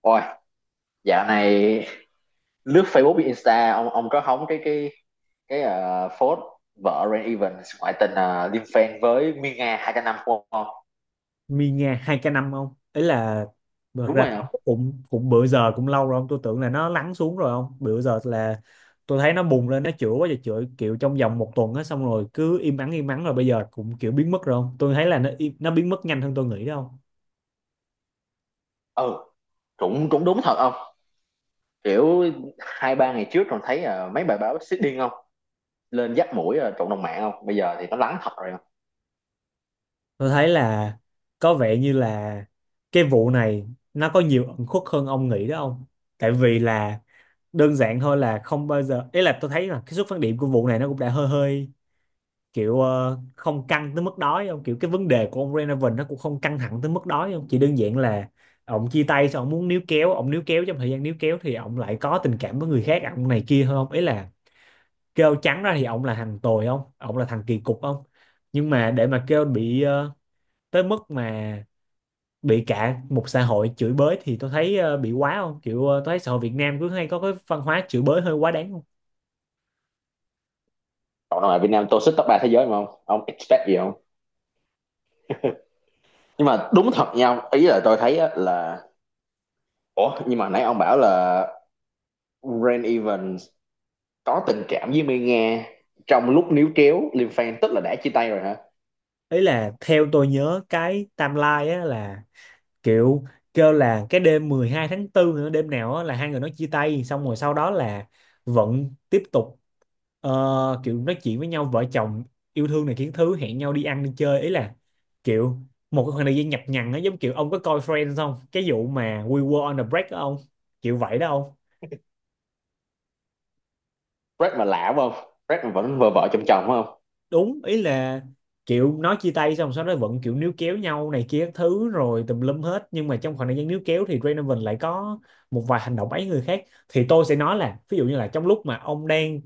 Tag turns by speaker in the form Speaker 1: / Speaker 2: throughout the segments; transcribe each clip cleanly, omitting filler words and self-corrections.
Speaker 1: Ôi, dạo này lướt Facebook với Insta ông có hóng cái phốt vợ Rain Evans ngoại tình, liên fan với Miên Nga 200 năm không ông?
Speaker 2: Mi nghe hai k năm không ấy là thật
Speaker 1: Đúng
Speaker 2: ra
Speaker 1: rồi không?
Speaker 2: cũng cũng bữa giờ cũng lâu rồi không, tôi tưởng là nó lắng xuống rồi không. Bữa giờ là tôi thấy nó bùng lên, nó chữa quá trời chữa kiểu trong vòng một tuần á, xong rồi cứ im ắng rồi bây giờ cũng kiểu biến mất rồi không. Tôi thấy là nó nó biến mất nhanh hơn tôi nghĩ đó không.
Speaker 1: Ừ, cũng cũng đúng thật không? Kiểu hai ba ngày trước còn thấy mấy bài báo xích điên không? Lên dắt mũi, cộng đồng mạng không? Bây giờ thì nó lắng thật rồi không?
Speaker 2: Tôi thấy là có vẻ như là cái vụ này nó có nhiều ẩn khuất hơn ông nghĩ đó không. Tại vì là đơn giản thôi là không bao giờ, ý là tôi thấy là cái xuất phát điểm của vụ này nó cũng đã hơi hơi kiểu không căng tới mức đó ấy không, kiểu cái vấn đề của ông Renovan nó cũng không căng thẳng tới mức đó ấy không, chỉ đơn giản là ông chia tay xong ông muốn níu kéo, ông níu kéo trong thời gian níu kéo thì ông lại có tình cảm với người khác, ông này kia hơn không. Ý là kêu trắng ra thì ông là thằng tồi không, ông là thằng kỳ cục không, nhưng mà để mà kêu bị tới mức mà bị cả một xã hội chửi bới thì tôi thấy bị quá không, kiểu tôi thấy xã hội Việt Nam cứ hay có cái văn hóa chửi bới hơi quá đáng không.
Speaker 1: Cộng đồng mạng Việt Nam tôi xích top 3 thế giới mà không? Ông expect gì không? Nhưng mà đúng thật nha, ông. Ý là tôi thấy á là, ủa, nhưng mà nãy ông bảo là Rain Evans có tình cảm với Mai Nga trong lúc níu kéo Liêm Phan, tức là đã chia tay rồi hả?
Speaker 2: Ý là theo tôi nhớ cái timeline á là kiểu kêu là cái đêm 12 tháng 4, nữa đêm nào á là hai người nó chia tay, xong rồi sau đó là vẫn tiếp tục kiểu nói chuyện với nhau, vợ chồng yêu thương này kiến thứ, hẹn nhau đi ăn đi chơi. Ý là kiểu một cái khoảng thời gian nhập nhằng á, giống kiểu ông có coi Friends không, cái vụ mà We were on a break đó không, kiểu vậy đó.
Speaker 1: Brad mà lạ phải không? Brad mà vẫn vợ vợ chồng chồng phải không?
Speaker 2: Đúng, ý là kiểu nói chia tay xong sau đó vẫn kiểu níu kéo nhau này kia các thứ rồi tùm lum hết, nhưng mà trong khoảng thời gian níu kéo thì Donovan lại có một vài hành động ấy người khác. Thì tôi sẽ nói là ví dụ như là trong lúc mà ông đang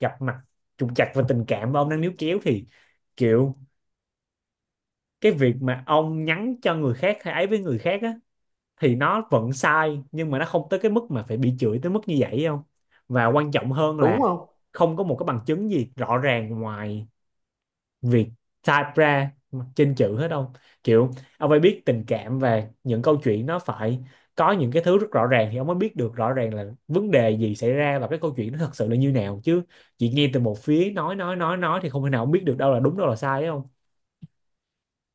Speaker 2: gặp mặt trục trặc về tình cảm và ông đang níu kéo thì kiểu cái việc mà ông nhắn cho người khác hay ấy với người khác á thì nó vẫn sai, nhưng mà nó không tới cái mức mà phải bị chửi tới mức như vậy không. Và quan trọng hơn là
Speaker 1: Đúng không?
Speaker 2: không có một cái bằng chứng gì rõ ràng ngoài việc type ra trên chữ hết không. Kiểu ông phải biết tình cảm và những câu chuyện nó phải có những cái thứ rất rõ ràng thì ông mới biết được rõ ràng là vấn đề gì xảy ra và cái câu chuyện nó thật sự là như nào chứ. Chỉ nghe từ một phía nói thì không thể nào ông biết được đâu là đúng đâu là sai ấy không.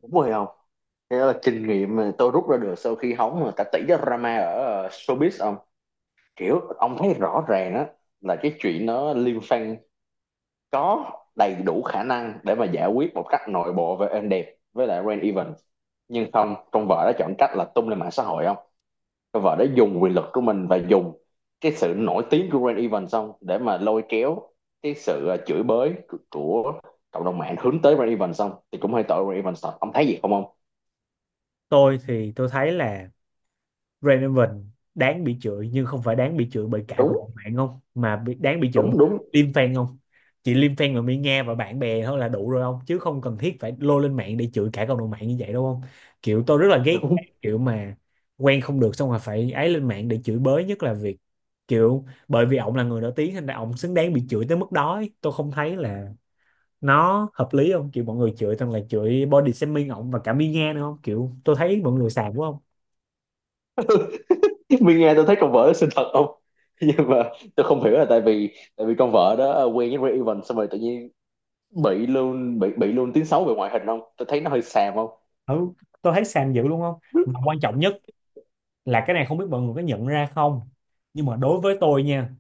Speaker 1: Đúng rồi không? Thế là kinh nghiệm mà tôi rút ra được sau khi hóng người ta tỉ cái drama ở showbiz ông, kiểu ông thấy rõ ràng đó, là cái chuyện nó Liêm Phan có đầy đủ khả năng để mà giải quyết một cách nội bộ và êm đẹp với lại Rain Evans, nhưng không, con vợ đã chọn cách là tung lên mạng xã hội ông. Cái vở đó dùng quyền lực của mình và dùng cái sự nổi tiếng của Rain Event xong để mà lôi kéo cái sự chửi bới của cộng đồng mạng hướng tới Rain Event, xong thì cũng hơi tội Rain Event thật. Ông thấy gì không ông?
Speaker 2: Tôi thì tôi thấy là Raven đáng bị chửi, nhưng không phải đáng bị chửi bởi cả cộng
Speaker 1: Đúng,
Speaker 2: đồng mạng không, mà bị, đáng bị chửi bởi
Speaker 1: đúng, đúng,
Speaker 2: Liêm fan không. Chỉ Liêm fan là mi Nga và bạn bè thôi là đủ rồi không, chứ không cần thiết phải lôi lên mạng để chửi cả cộng đồng mạng như vậy đâu không. Kiểu tôi rất là ghét
Speaker 1: đúng.
Speaker 2: cái kiểu mà quen không được xong rồi phải ấy lên mạng để chửi bới, nhất là việc kiểu bởi vì ổng là người nổi tiếng nên là ổng xứng đáng bị chửi tới mức đó ấy. Tôi không thấy là nó hợp lý không, kiểu mọi người chửi toàn là chửi body shaming ổng và cả mi Nga nữa không, kiểu tôi thấy mọi người xàm quá không.
Speaker 1: Mình nghe tôi thấy con vợ đó xinh thật không? Nhưng mà tôi không hiểu là, tại vì con vợ đó quen với Rain Event xong rồi tự nhiên bị luôn, bị luôn tiếng xấu về ngoại hình không? Tôi thấy nó hơi xàm không?
Speaker 2: Ừ, tôi thấy xàm dữ luôn không. Mà quan trọng nhất là cái này không biết mọi người có nhận ra không, nhưng mà đối với tôi nha,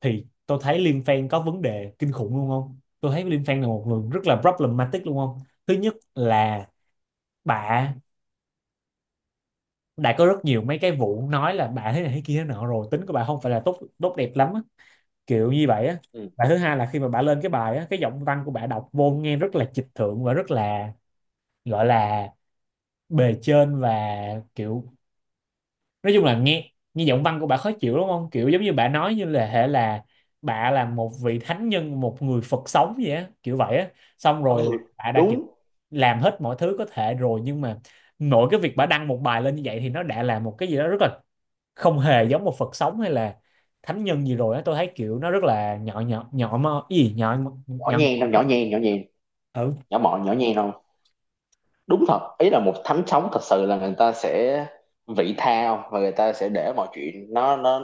Speaker 2: thì tôi thấy Liên Fan có vấn đề kinh khủng luôn không, tôi thấy Liên Fan là một người rất là problematic luôn không. Thứ nhất là bà đã có rất nhiều mấy cái vụ nói là bà thế này thế kia thế nọ rồi, tính của bà không phải là tốt tốt đẹp lắm á, kiểu như vậy á.
Speaker 1: Ừ,
Speaker 2: Và thứ hai là khi mà bà lên cái bài á, cái giọng văn của bà đọc vô nghe rất là trịch thượng và rất là, gọi là, bề trên và kiểu nói chung là nghe nghe giọng văn của bà khó chịu đúng không, kiểu giống như bà nói như là hệ là bà là một vị thánh nhân, một người Phật sống vậy á, kiểu vậy á. Xong rồi là
Speaker 1: ừ,
Speaker 2: bà đã kiểu
Speaker 1: đúng.
Speaker 2: làm hết mọi thứ có thể rồi, nhưng mà nội cái việc bà đăng một bài lên như vậy thì nó đã là một cái gì đó rất là không hề giống một Phật sống hay là thánh nhân gì rồi á. Tôi thấy kiểu nó rất là nhỏ nhỏ nhỏ mơ cái gì nhỏ nhỏ,
Speaker 1: Nhỏ
Speaker 2: nhỏ.
Speaker 1: nhen không? Nhỏ nhen, nhỏ nhen.
Speaker 2: Ừ,
Speaker 1: Nhỏ mọn, nhỏ nhen không? Đúng thật, ý là một thánh sống thật sự là người ta sẽ vị tha và người ta sẽ để mọi chuyện nó nó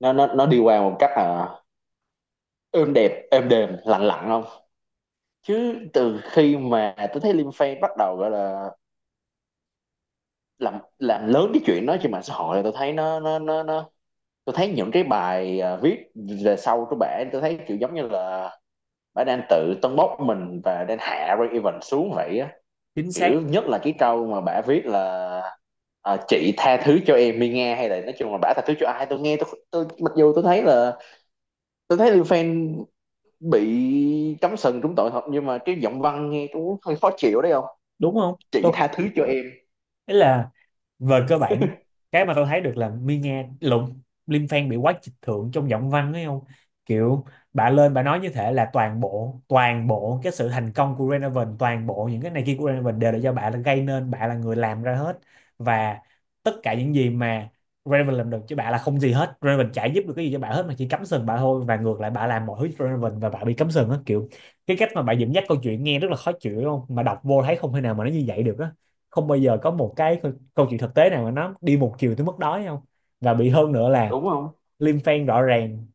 Speaker 1: nó nó, nó đi qua một cách là êm đẹp, êm đềm, lặng lặng không. Chứ từ khi mà tôi thấy Liam Payne bắt đầu gọi là làm lớn cái chuyện đó trên mạng xã hội là tôi thấy nó, tôi thấy những cái bài viết về sau của bả tôi thấy kiểu giống như là bả đang tự tâng bốc mình và đang hạ Ray Evans xuống vậy á.
Speaker 2: chính xác
Speaker 1: Kiểu nhất là cái câu mà bả viết là, chị tha thứ cho em đi nghe, hay là nói chung là bả tha thứ cho ai, tôi nghe, tôi mặc dù tôi thấy là tôi thấy lưu Fan bị cắm sừng trúng tội thật, nhưng mà cái giọng văn nghe cũng hơi khó chịu đấy không.
Speaker 2: đúng không.
Speaker 1: Chị
Speaker 2: Tôi
Speaker 1: tha thứ cho em,
Speaker 2: ý là về cơ bản cái mà tôi thấy được là Mi Nga lụng Lim Fan bị quá trịch thượng trong giọng văn ấy không. Kiểu bà lên bà nói như thế là toàn bộ cái sự thành công của Renaven, toàn bộ những cái này kia của Renaven đều là do bà là gây nên, bà là người làm ra hết và tất cả những gì mà Renaven làm được chứ bà là không gì hết, Renaven chả giúp được cái gì cho bà hết mà chỉ cắm sừng bà thôi, và ngược lại bà làm mọi thứ cho Renaven và bà bị cắm sừng á, kiểu cái cách mà bà dẫn dắt câu chuyện nghe rất là khó chịu đúng không, mà đọc vô thấy không thể nào mà nó như vậy được á. Không bao giờ có một cái câu chuyện thực tế nào mà nó đi một chiều tới mức đó không. Và bị hơn nữa là
Speaker 1: đúng không,
Speaker 2: Lim Fan rõ ràng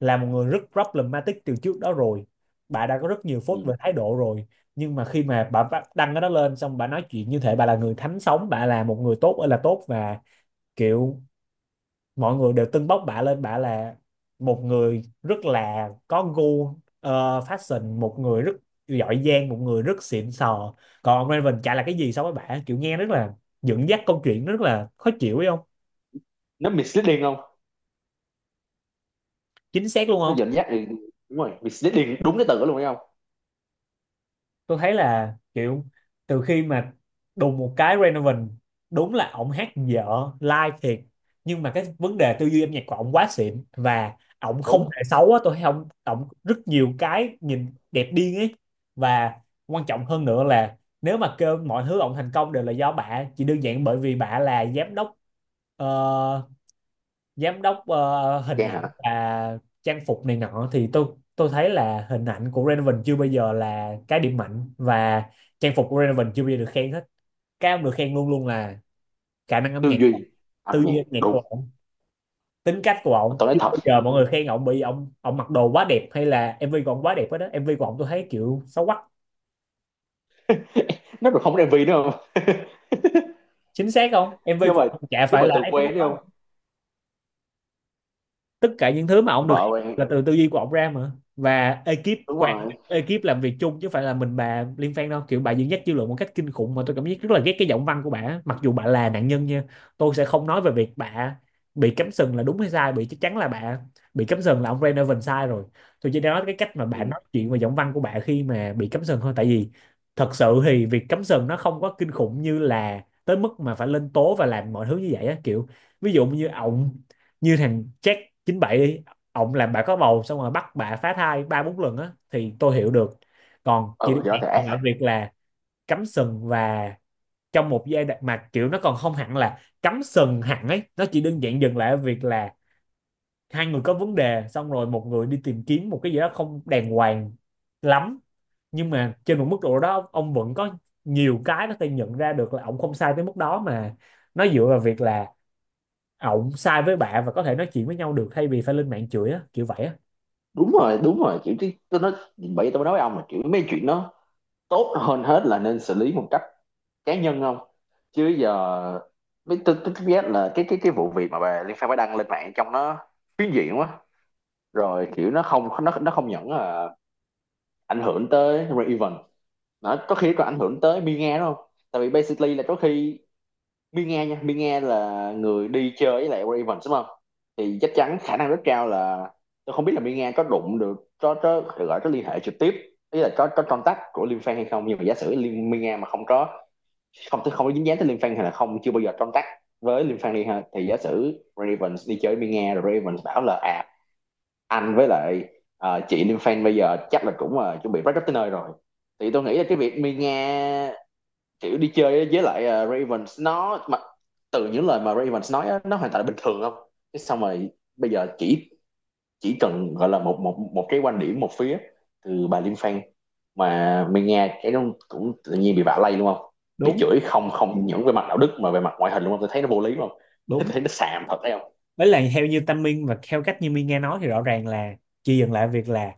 Speaker 2: là một người rất problematic từ trước đó rồi, bà đã có rất nhiều phốt về
Speaker 1: ừ.
Speaker 2: thái độ rồi. Nhưng mà khi mà bà đăng cái đó lên xong bà nói chuyện như thể bà là người thánh sống, bà là một người tốt ơi là tốt và kiểu mọi người đều tưng bốc bả lên, bả là một người rất là có gu fashion, một người rất giỏi giang, một người rất xịn sò, còn ông Raven chả là cái gì so với bả, kiểu nghe rất là dẫn dắt câu chuyện rất là khó chịu ấy không.
Speaker 1: Nó misleading không?
Speaker 2: Chính xác luôn
Speaker 1: Nó
Speaker 2: không.
Speaker 1: dẫn dắt thì đúng rồi, misleading đúng cái từ đó luôn đấy không.
Speaker 2: Tôi thấy là kiểu từ khi mà đùng một cái Renovan, đúng là ổng hát dở live thiệt, nhưng mà cái vấn đề tư duy âm nhạc của ổng quá xịn và ổng không
Speaker 1: Đúng,
Speaker 2: hề xấu á, tôi thấy ổng ổng rất nhiều cái nhìn đẹp điên ấy. Và quan trọng hơn nữa là nếu mà kêu mọi thứ ổng thành công đều là do bả chỉ đơn giản bởi vì bả là giám đốc ờ, giám đốc hình
Speaker 1: cha
Speaker 2: ảnh
Speaker 1: hả?
Speaker 2: và trang phục này nọ, thì tôi thấy là hình ảnh của Raven chưa bao giờ là cái điểm mạnh và trang phục của Raven chưa bao giờ được khen hết. Cái ông được khen luôn luôn là khả năng âm
Speaker 1: Tư
Speaker 2: nhạc,
Speaker 1: duy âm
Speaker 2: tư duy
Speaker 1: nhạc,
Speaker 2: âm nhạc của
Speaker 1: đúng.
Speaker 2: ổng, tính cách của
Speaker 1: Mà
Speaker 2: ổng.
Speaker 1: tôi nói
Speaker 2: Chưa
Speaker 1: thật,
Speaker 2: bao giờ mọi người khen ổng bị ổng ổng mặc đồ quá đẹp hay là MV của ổng quá đẹp hết đó. MV của ổng tôi thấy kiểu xấu quắc.
Speaker 1: nó còn không có MV nữa không.
Speaker 2: Chính xác không. MV
Speaker 1: chứ
Speaker 2: của
Speaker 1: mà
Speaker 2: ổng chả
Speaker 1: chứ
Speaker 2: phải
Speaker 1: mà
Speaker 2: là
Speaker 1: từ
Speaker 2: ấy tới mức
Speaker 1: quen đấy không,
Speaker 2: đó. Tất cả những thứ mà ông được
Speaker 1: vợ quen.
Speaker 2: là từ tư duy của ông ra mà, và
Speaker 1: Đúng rồi.
Speaker 2: ekip làm việc chung, chứ không phải là mình bà Liên Phan đâu. Kiểu bà dẫn dắt dư luận một cách kinh khủng mà tôi cảm giác rất là ghét cái giọng văn của bà, mặc dù bà là nạn nhân nha. Tôi sẽ không nói về việc bà bị cắm sừng là đúng hay sai, bị chắc chắn là bà bị cắm sừng là ông Renovan sai rồi. Tôi chỉ nói cái cách mà bà
Speaker 1: Ừ,
Speaker 2: nói chuyện và giọng văn của bà khi mà bị cắm sừng thôi, tại vì thật sự thì việc cắm sừng nó không có kinh khủng như là tới mức mà phải lên tố và làm mọi thứ như vậy á, kiểu ví dụ như ổng, như thằng Jack 97 đi, ổng làm bà có bầu xong rồi bắt bà phá thai ba bốn lần á thì tôi hiểu được. Còn chỉ
Speaker 1: ừ,
Speaker 2: đơn
Speaker 1: thì nó thể ác
Speaker 2: Giản lại
Speaker 1: thật.
Speaker 2: việc là cắm sừng, và trong một giai đoạn mà kiểu nó còn không hẳn là cắm sừng hẳn ấy, nó chỉ đơn giản dừng lại ở việc là hai người có vấn đề xong rồi một người đi tìm kiếm một cái gì đó không đàng hoàng lắm. Nhưng mà trên một mức độ đó ông vẫn có nhiều cái nó thể nhận ra được là ông không sai tới mức đó mà, nó dựa vào việc là ổng sai với bạn và có thể nói chuyện với nhau được thay vì phải lên mạng chửi á, kiểu vậy á.
Speaker 1: Đúng rồi, đúng rồi, kiểu, chứ tôi nói, bởi vì tôi mới nói với ông là kiểu mấy chuyện nó tốt hơn hết là nên xử lý một cách cá nhân không. Chứ giờ mấy, tôi biết là cái vụ việc mà bà Liên Phan mới đăng lên mạng trong nó phiến diện quá rồi. Kiểu nó không, nó không những là ảnh hưởng tới Ray Evans, nó có khi còn ảnh hưởng tới Mia đúng không. Tại vì basically là có khi Mi Nghe, nha, Mi Nghe là người đi chơi với lại Ray Evans đúng không? Thì chắc chắn khả năng rất cao là, tôi không biết là Mi Nghe có đụng được, có gọi, có liên hệ trực tiếp, ý là có contact của Liêm Phan hay không, nhưng mà giả sử Mi Nghe mà không có, không không có dính dáng tới Liêm Phan, hay là không chưa bao giờ contact với Liêm Phan đi ha, thì giả sử Ray Evans đi chơi với Mi Nghe rồi Ray Evans bảo là à, anh với lại chị Liêm Phan bây giờ chắc là cũng chuẩn bị break up tới nơi rồi, thì tôi nghĩ là cái việc Mi Nghe kiểu đi chơi với lại Ravens nó mà từ những lời mà Ravens nói á, nó hoàn toàn bình thường không. Thế xong rồi bây giờ chỉ cần gọi là một, một cái quan điểm một phía từ bà Liên Phan mà mình nghe cái nó cũng tự nhiên bị vạ lây đúng không. Bị
Speaker 2: Đúng,
Speaker 1: chửi không, không những về mặt đạo đức mà về mặt ngoại hình đúng không, tôi thấy nó vô lý không. Tôi
Speaker 2: đúng.
Speaker 1: thấy nó xàm thật đấy không.
Speaker 2: Với lại theo như Tâm Minh và theo cách như Minh nghe nói thì rõ ràng là chị dừng lại việc là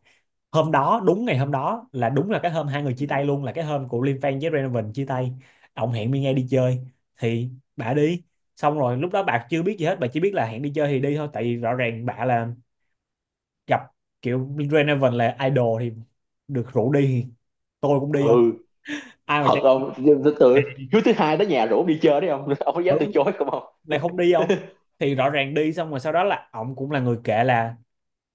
Speaker 2: hôm đó, đúng ngày hôm đó là đúng là cái hôm hai người
Speaker 1: Ừ,
Speaker 2: chia tay luôn, là cái hôm của Liêm Phan với Renovan chia tay. Ông hẹn Minh nghe đi chơi thì bà đi, xong rồi lúc đó bà chưa biết gì hết, bà chỉ biết là hẹn đi chơi thì đi thôi, tại vì rõ ràng bà là gặp kiểu Renovan là idol thì được rủ đi thì tôi cũng đi
Speaker 1: ừ,
Speaker 2: thôi, ai mà
Speaker 1: thật
Speaker 2: chạy.
Speaker 1: không. Từ thứ thứ hai đó nhà rủ đi chơi đấy không. Ông có dám
Speaker 2: Ừ,
Speaker 1: từ chối không, không.
Speaker 2: lại không đi không? Thì rõ ràng đi xong rồi sau đó là ổng cũng là người kể là,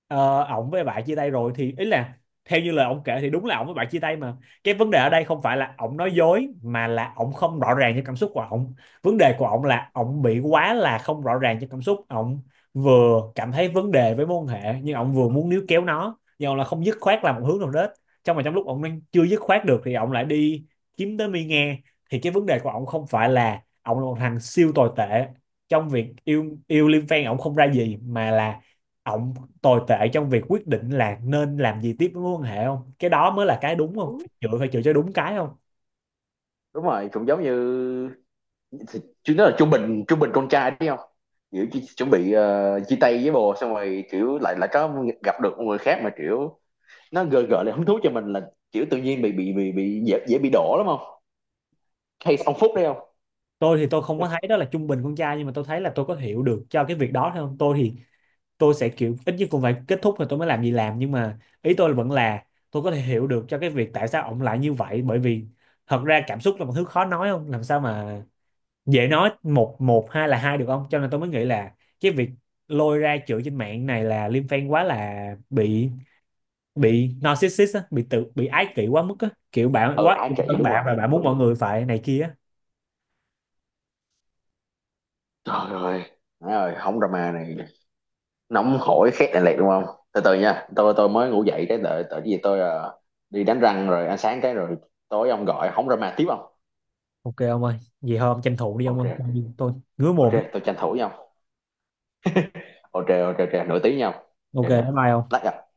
Speaker 2: ổng với bạn chia tay rồi thì ý là theo như lời ổng kể thì đúng là ổng với bạn chia tay. Mà cái vấn đề ở đây không phải là ổng nói dối mà là ổng không rõ ràng cho cảm xúc của ổng. Vấn đề của ổng là ổng bị quá là không rõ ràng cho cảm xúc ổng, vừa cảm thấy vấn đề với mối quan hệ nhưng ổng vừa muốn níu kéo nó, nhưng ổng là không dứt khoát làm một hướng nào hết. Trong lúc ổng đang chưa dứt khoát được thì ổng lại đi kiếm tới mi nghe, thì cái vấn đề của ổng không phải là ổng là một thằng siêu tồi tệ trong việc yêu yêu Liêm Phen, ổng không ra gì, mà là ổng tồi tệ trong việc quyết định là nên làm gì tiếp với mối quan hệ không. Cái đó mới là cái đúng không, chữa phải chữa cho đúng cái không.
Speaker 1: Đúng rồi, cũng giống như, chứ nó là trung bình, trung bình con trai đấy không. Kiểu chỉ, chuẩn bị chia tay với bồ xong rồi kiểu lại lại có gặp được một người khác mà kiểu nó gợi gợi lại hứng thú cho mình là kiểu tự nhiên dễ bị đổ lắm không, case ông Phúc đấy không.
Speaker 2: Tôi thì tôi không có thấy đó là trung bình con trai, nhưng mà tôi thấy là tôi có hiểu được cho cái việc đó thôi không. Tôi thì tôi sẽ kiểu ít nhất cũng phải kết thúc rồi tôi mới làm gì làm, nhưng mà ý tôi vẫn là tôi có thể hiểu được cho cái việc tại sao ổng lại như vậy, bởi vì thật ra cảm xúc là một thứ khó nói không, làm sao mà dễ nói một một hai là hai được không. Cho nên tôi mới nghĩ là cái việc lôi ra chửi trên mạng này là Liêm Phen quá là bị narcissist á, bị tự bị ái kỷ quá mức á, kiểu bạn
Speaker 1: Ờ
Speaker 2: quá
Speaker 1: ai
Speaker 2: yêu
Speaker 1: chị,
Speaker 2: thân
Speaker 1: đúng
Speaker 2: bạn
Speaker 1: rồi,
Speaker 2: và bạn
Speaker 1: đúng,
Speaker 2: muốn mọi
Speaker 1: đúng.
Speaker 2: người phải này kia á.
Speaker 1: Trời ơi, má ơi không, drama này nóng hổi, khét này lẹt đúng không. Từ từ nha, tôi mới ngủ dậy cái, đợi đợi cái gì, tôi đi đánh răng rồi ăn sáng cái rồi tối ông gọi không, drama tiếp không.
Speaker 2: Ok ông ơi, vậy thôi ông tranh thủ đi ông
Speaker 1: Ok
Speaker 2: ơi.
Speaker 1: ok,
Speaker 2: Tôi ngứa
Speaker 1: ok
Speaker 2: mồm.
Speaker 1: tôi tranh thủ nhau, ok ok ok, nửa tiếng nhau,
Speaker 2: Ok,
Speaker 1: ok
Speaker 2: bye
Speaker 1: nè,
Speaker 2: bye ông.
Speaker 1: lát gặp.